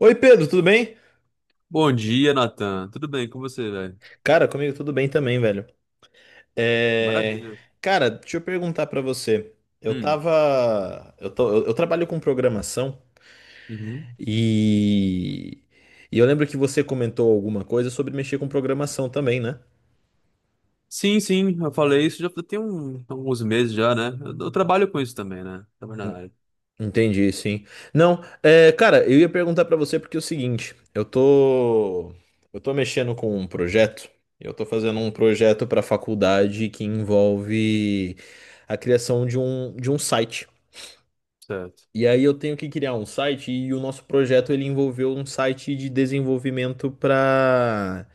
Oi, Pedro, tudo bem? Bom dia, Nathan. Tudo bem com você, velho? Cara, comigo tudo bem também, velho. É... Maravilha. Cara, deixa eu perguntar pra você. Eu Hum, tava. Eu trabalho com programação uhum. e... e eu lembro que você comentou alguma coisa sobre mexer com programação também, né? Sim, eu falei isso já tem alguns meses já, né? Eu trabalho com isso também, né? Trabalho na área. Entendi, sim. Não, é, cara, eu ia perguntar pra você porque é o seguinte, Eu tô mexendo com um projeto. Eu tô fazendo um projeto pra faculdade que envolve a criação de um site. Certo. E aí eu tenho que criar um site e o nosso projeto ele envolveu um site de desenvolvimento para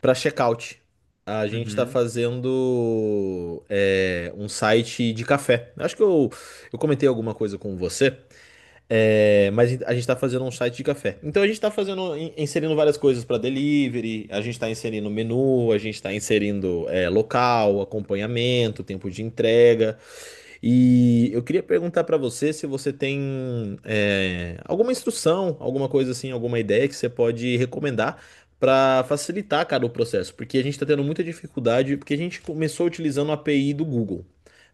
para checkout. A gente está Uhum. fazendo um site de café. Acho que eu comentei alguma coisa com você, mas a gente está fazendo um site de café. Então a gente está fazendo inserindo várias coisas para delivery. A gente está inserindo menu, a gente está inserindo local, acompanhamento, tempo de entrega. E eu queria perguntar para você se você tem alguma instrução, alguma coisa assim, alguma ideia que você pode recomendar para facilitar, cara, o processo, porque a gente está tendo muita dificuldade, porque a gente começou utilizando a API do Google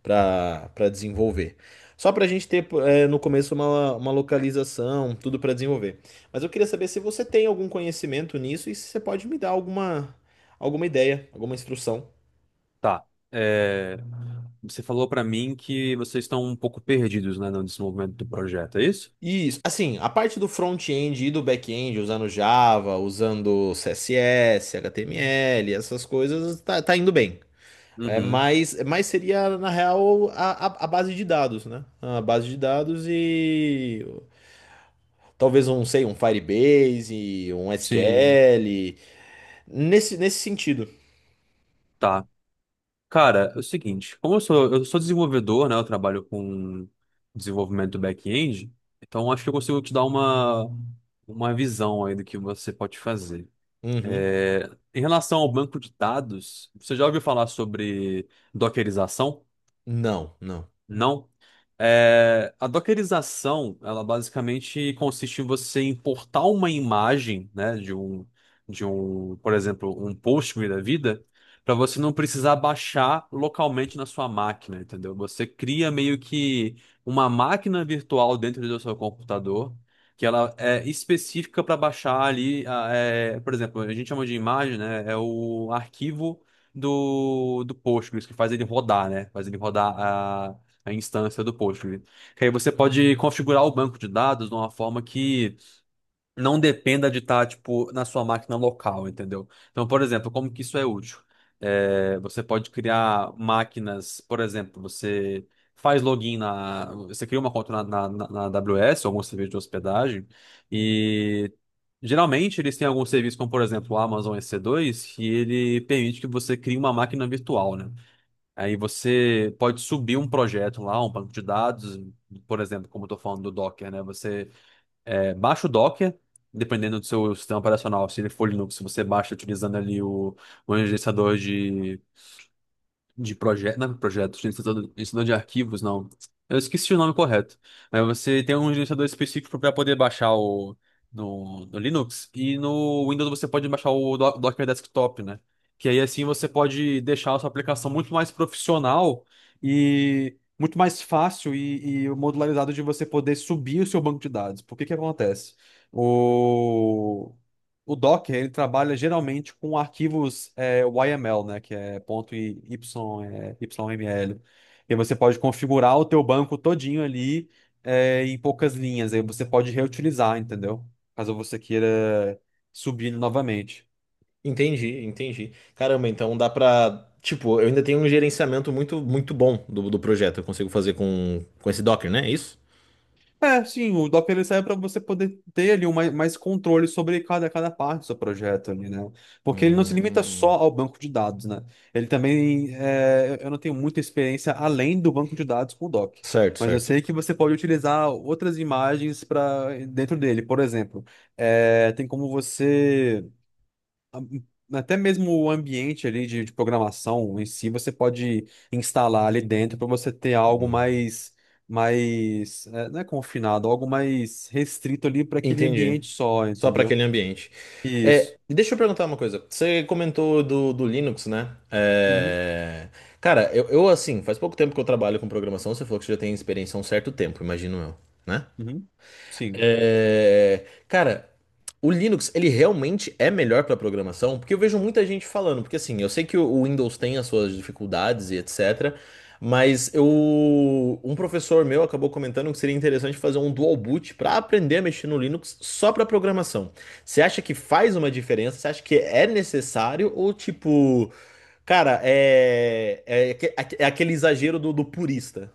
para desenvolver. Só para a gente ter no começo uma localização, tudo para desenvolver. Mas eu queria saber se você tem algum conhecimento nisso e se você pode me dar alguma ideia, alguma instrução. Tá. É, você falou pra mim que vocês estão um pouco perdidos, né, no desenvolvimento do projeto, é isso? Isso, assim, a parte do front-end e do back-end, usando Java, usando CSS, HTML, essas coisas, tá indo bem. É, Uhum. mas seria, na real, a base de dados, né? A base de dados e talvez um, sei, um Firebase, um Sim. SQL, nesse sentido. Tá. Cara, é o seguinte, eu sou desenvolvedor, né? Eu trabalho com desenvolvimento do back-end, então acho que eu consigo te dar uma visão aí do que você pode fazer. Uhum. É, em relação ao banco de dados, você já ouviu falar sobre dockerização? Não, não. Não. É, a dockerização, ela basicamente consiste em você importar uma imagem, né, de um, por exemplo, um Postgre da vida, para você não precisar baixar localmente na sua máquina, entendeu? Você cria meio que uma máquina virtual dentro do seu computador, que ela é específica para baixar ali, por exemplo, a gente chama de imagem, né, é o arquivo do Postgres, que faz ele rodar, né? Faz ele rodar a instância do Postgre. Que aí você pode configurar o banco de dados de uma forma que não dependa de estar, tipo, na sua máquina local, entendeu? Então, por exemplo, como que isso é útil? É, você pode criar máquinas, por exemplo, você faz login na... Você cria uma conta na AWS, algum serviço de hospedagem, e... Geralmente eles têm algum serviço, como por exemplo o Amazon EC2, que ele permite que você crie uma máquina virtual, né? Aí você pode subir um projeto lá, um banco de dados, por exemplo, como eu estou falando do Docker, né? Você baixa o Docker, dependendo do seu sistema operacional. Se ele for Linux, você baixa utilizando ali o gerenciador de projeto, não é projeto, de gerenciador de arquivos, não. Eu esqueci o nome correto. Mas você tem um gerenciador específico para poder baixar o no, no Linux, e no Windows você pode baixar o Docker Desktop, né? Que aí assim você pode deixar a sua aplicação muito mais profissional e muito mais fácil e modularizado de você poder subir o seu banco de dados. Por que que acontece? O O Docker, ele trabalha geralmente com arquivos é o YML, né? Que é ponto YML. E você pode configurar o teu banco todinho ali em poucas linhas. Aí você pode reutilizar, entendeu? Caso você queira subir novamente. Entendi, entendi. Caramba, então dá pra. Tipo, eu ainda tenho um gerenciamento muito bom do projeto. Eu consigo fazer com esse Docker, né? É isso? É, sim, o Docker ele serve para você poder ter ali um mais controle sobre cada parte do seu projeto ali, né? Porque ele não se limita só Hum, ao banco de dados, né? Ele também, eu não tenho muita experiência além do banco de dados com o Docker, certo, mas eu sei que você pode utilizar outras imagens para dentro dele. Por exemplo, tem como você a- até mesmo o ambiente ali de programação em si, você pode instalar ali dentro para você ter algo hum. Não é confinado, algo mais restrito ali para aquele Entendi. ambiente só, Só para entendeu? aquele ambiente. É, Isso. deixa eu perguntar uma coisa. Você comentou do Linux, né? Uhum, É, cara, assim, faz pouco tempo que eu trabalho com programação. Você falou que você já tem experiência há um certo tempo, imagino eu, né? uhum. Sim. É, cara, o Linux, ele realmente é melhor para programação? Porque eu vejo muita gente falando, porque assim, eu sei que o Windows tem as suas dificuldades e etc, mas eu, um professor meu acabou comentando que seria interessante fazer um dual boot para aprender a mexer no Linux só para programação. Você acha que faz uma diferença? Você acha que é necessário ou tipo, cara, é aquele exagero do purista?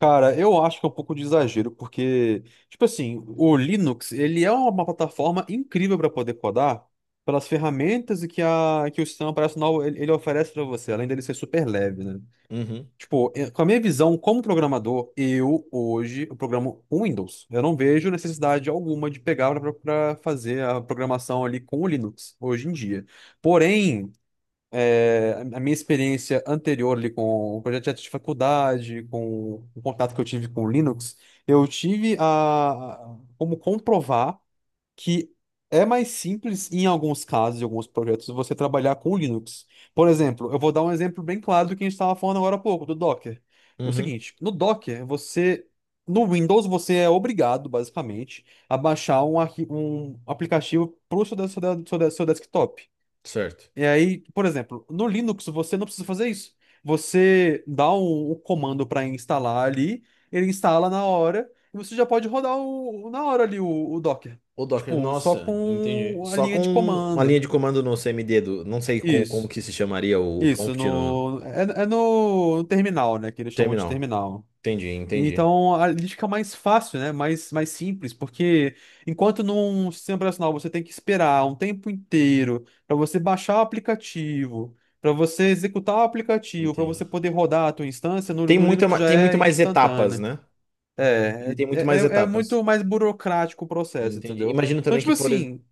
Cara, eu acho que é um pouco de exagero, porque, tipo assim, o Linux, ele é uma plataforma incrível para poder codar pelas ferramentas que o sistema operacional ele oferece para você, além dele ser super leve, né? Uhum, Tipo, com a minha visão como programador, eu hoje eu programo com Windows. Eu não vejo necessidade alguma de pegar para fazer a programação ali com o Linux hoje em dia. Porém, a minha experiência anterior ali com o projeto de faculdade, com o contato que eu tive com o Linux, eu tive como comprovar que é mais simples em alguns casos, em alguns projetos, você trabalhar com Linux. Por exemplo, eu vou dar um exemplo bem claro do que a gente estava falando agora há pouco, do Docker. O uhum, seguinte, no Docker, você. No Windows, você é obrigado, basicamente, a baixar um aplicativo para o seu desktop. certo. E aí, por exemplo, no Linux você não precisa fazer isso. Você dá um comando para instalar ali, ele instala na hora, e você já pode rodar na hora ali o Docker. O Docker, Tipo, só nossa, entendi. com a Só linha com de uma comando. linha de comando no CMD do, não sei como, como Isso. que se chamaria o Isso, prompt no no terminal, né? Que eles chamam de terminal. terminal. Entendi, entendi, Então a lista fica mais fácil, né? Mais simples, porque enquanto num sistema operacional você tem que esperar um tempo inteiro para você baixar o aplicativo, para você executar o aplicativo, para entendi. você poder rodar a tua instância, no Linux já Tem muito é mais etapas, instantânea. né? Ele É, tem é, muito é mais é etapas. muito mais burocrático o processo, Entendi. entendeu? Então, tipo assim,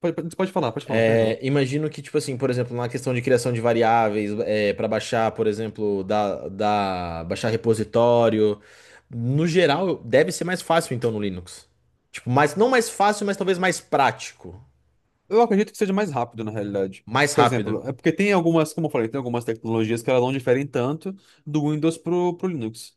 pode falar, perdão. Imagino que tipo assim, por exemplo, na questão de criação de variáveis, é, para baixar, por exemplo, da, da baixar repositório, no geral deve ser mais fácil então no Linux. Tipo, mais, não mais fácil, mas talvez mais prático, Eu acredito que seja mais rápido, na realidade. mais Tipo, por rápido. exemplo, é porque tem algumas, como eu falei, tem algumas tecnologias que elas não diferem tanto do Windows pro Linux,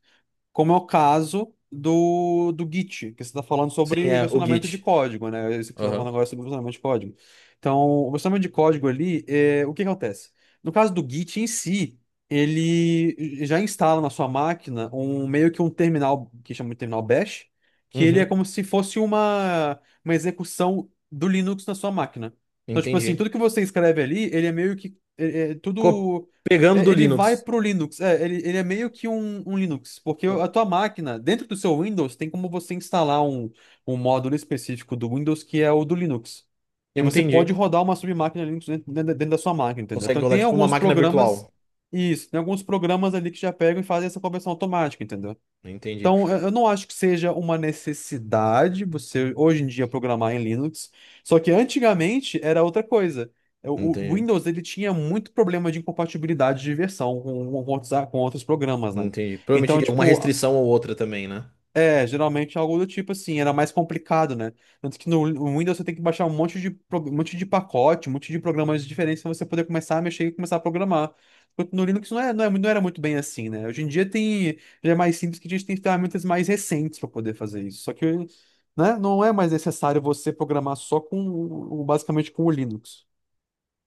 como é o caso do Git, que você está falando Sim, sobre é, o versionamento de Git. código, né? É isso que você está falando Aham. agora, é sobre versionamento de código. Então, o versionamento de código ali, o que acontece? No caso do Git em si, ele já instala na sua máquina um meio que um terminal, que chama de terminal bash, que ele é Uhum. como se fosse uma execução do Linux na sua máquina. Então, tipo assim, Entendi. tudo que você escreve ali, ele é meio é Co- tudo. pegando É, do ele vai Linux. pro Linux. É, ele é meio que um Linux, porque O- a tua máquina, dentro do seu Windows, tem como você instalar um módulo específico do Windows que é o do Linux. E você pode Entendi. rodar uma submáquina Linux dentro da sua máquina, entendeu? Consegue Então rodar tem tipo uma alguns máquina programas, virtual. isso, tem alguns programas ali que já pegam e fazem essa conversão automática, entendeu? Entendi. Então, eu não acho que seja uma necessidade você hoje em dia programar em Linux, só que antigamente era outra coisa. O Entendi. Windows ele tinha muito problema de incompatibilidade de versão com outros programas, né? Entendi. Então, Provavelmente alguma tipo, restrição ou outra também, né? Geralmente é algo do tipo assim, era mais complicado, né? Tanto que no Windows você tem que baixar um monte um monte de pacote, um monte de programas diferentes para você poder começar a mexer e começar a programar. Enquanto no Linux não era muito bem assim, né? Hoje em dia tem, já é mais simples que a gente tem ferramentas mais recentes para poder fazer isso. Só que, né, não é mais necessário você programar só basicamente com o Linux.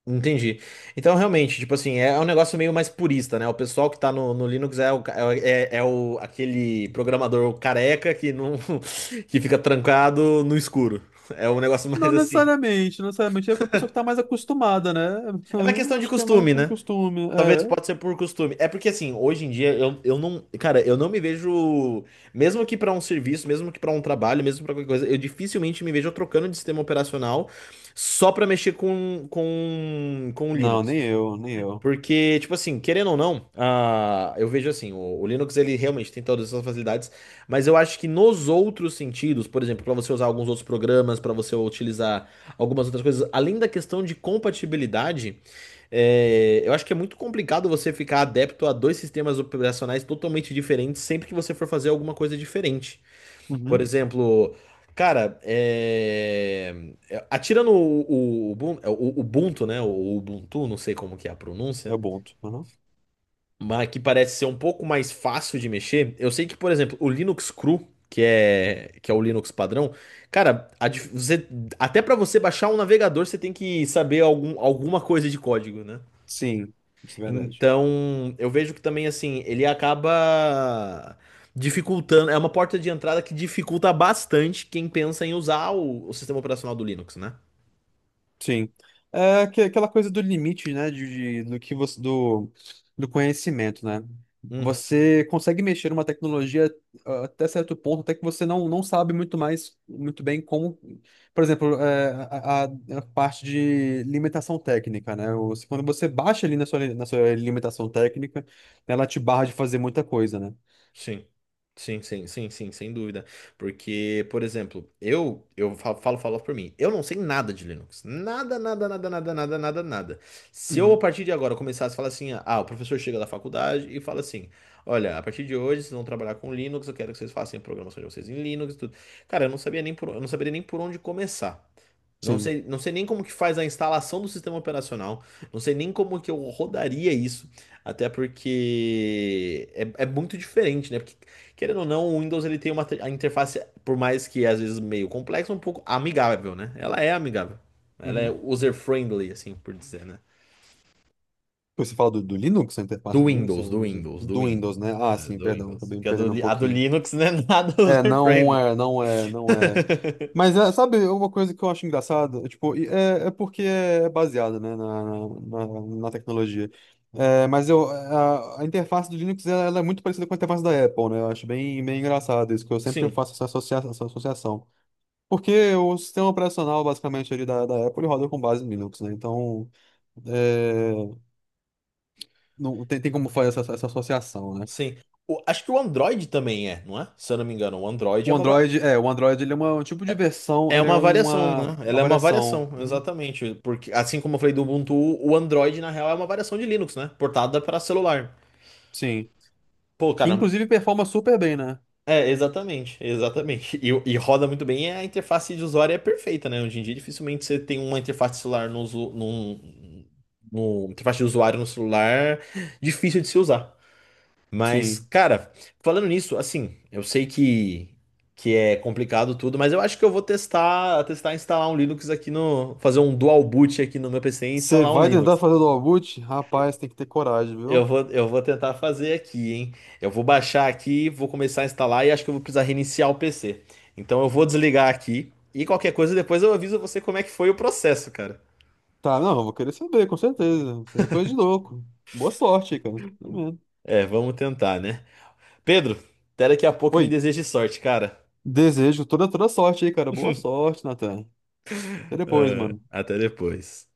Entendi. Então, realmente, tipo assim, é um negócio meio mais purista, né? O pessoal que tá no, no Linux é, o, ca- é, é é o, aquele programador careca que não, que fica trancado no escuro. É um negócio Não mais assim. necessariamente, não necessariamente. É a pessoa que tá mais acostumada, né? É uma questão Eu de acho que é mais costume, com né? costume, Talvez é. pode ser por costume. É porque assim, hoje em dia eu não, cara, eu não me vejo, mesmo que pra um serviço, mesmo que pra um trabalho, mesmo pra qualquer coisa, eu dificilmente me vejo trocando de sistema operacional só pra mexer com o Não, Linux. nem eu, nem eu. Porque, tipo assim, querendo ou não, ah, eu vejo assim, o Linux ele realmente tem todas essas facilidades, mas eu acho que nos outros sentidos, por exemplo, para você usar alguns outros programas, para você utilizar algumas outras coisas, além da questão de compatibilidade, é, eu acho que é muito complicado você ficar adepto a dois sistemas operacionais totalmente diferentes sempre que você for fazer alguma coisa diferente. Por Uhum. exemplo, cara, é, é, atira no o, Ubun- é, o Ubuntu, né? O Ubuntu, não sei como que é a É pronúncia, Ubuntu. Uhum. mas que parece ser um pouco mais fácil de mexer. Eu sei que, por exemplo, o Linux Cru, que é o Linux padrão, cara, até para você baixar um navegador, você tem que saber algum, alguma coisa de código, né? Sim, isso é verdade. Então, eu vejo que também, assim, ele acaba dificultando, é uma porta de entrada que dificulta bastante quem pensa em usar o sistema operacional do Linux, né? Sim. Aquela coisa do limite, né? Do que você, do, do conhecimento, né? Uhum. Você consegue mexer numa tecnologia ah, até certo ponto, até que você não, não sabe muito mais, muito bem como. Por exemplo, a parte de limitação técnica, né? Quando você baixa ali na na sua limitação técnica, ela te barra de fazer muita coisa, né? Sim. Sim, sim, sim, sim, sem dúvida. Porque, por exemplo, falo, falo por mim. Eu não sei nada de Linux. Nada, nada, nada, nada, nada, nada, nada. Se eu, a Uhum. partir de agora, começasse a falar assim, ah, o professor chega da faculdade e fala assim: olha, a partir de hoje vocês vão trabalhar com Linux, eu quero que vocês façam a programação de vocês em Linux e tudo. Cara, eu não saberia nem por onde começar. Não Sim. sei, não sei nem como que faz a instalação do sistema operacional. Não sei nem como que eu rodaria isso. Até porque é muito diferente, né? Porque, querendo ou não, o Windows ele tem uma a interface, por mais que às vezes meio complexa, um pouco amigável, né? Ela é amigável. Ela é Uhum. user-friendly, assim por dizer, né? Você fala do Linux, a interface do Linux, eu não sei. Do Do Windows, Windows. né? Ah, É, sim, do perdão, Windows. acabei me Porque perdendo um a do pouquinho. Linux não é nada user-friendly. Não é. Mas é, sabe, uma coisa que eu acho engraçada, tipo, é porque é baseada, né, na, na tecnologia. A interface do Linux, ela é muito parecida com a interface da Apple, né? Eu acho bem, bem engraçado isso, que eu sempre Sim, faço essa, associa essa associação. Porque o sistema operacional, basicamente, ali da Apple, ele roda com base em Linux, né? Então, é, não tem, tem como fazer essa associação, né? sim. Acho que o Android também é, não é? Se eu não me engano, o Android é O uma. Va- Android, o Android ele é um tipo de versão, é ele é uma variação, né? uma Ela é uma variação. variação, Uhum. exatamente. Porque, assim como eu falei do Ubuntu, o Android, na real, é uma variação de Linux, né? Portada para celular. Sim. Pô, Que cara, inclusive performa super bem, né? é, exatamente, exatamente. E roda muito bem, e a interface de usuário é perfeita, né? Hoje em dia, dificilmente você tem uma interface de celular no, usu- num- no, interface de usuário no celular difícil de se usar. Mas, Sim. cara, falando nisso, assim, eu sei que é complicado tudo, mas eu acho que eu vou testar, testar instalar um Linux aqui no, fazer um dual boot aqui no meu PC e Você instalar um vai tentar Linux. fazer o dual boot? Rapaz, tem que ter coragem, viu? Eu vou tentar fazer aqui, hein? Eu vou baixar aqui, vou começar a instalar e acho que eu vou precisar reiniciar o PC. Então eu vou desligar aqui e qualquer coisa depois eu aviso você como é que foi o processo, cara. Tá, não, eu vou querer saber, com certeza. Isso aí é coisa de louco. Boa sorte aí, cara. Tá vendo? É, vamos tentar, né? Pedro, até daqui a pouco e Oi, me deseje sorte, cara. desejo toda, toda sorte aí, cara. Boa sorte, Natan. Até depois, Ah, mano. até depois.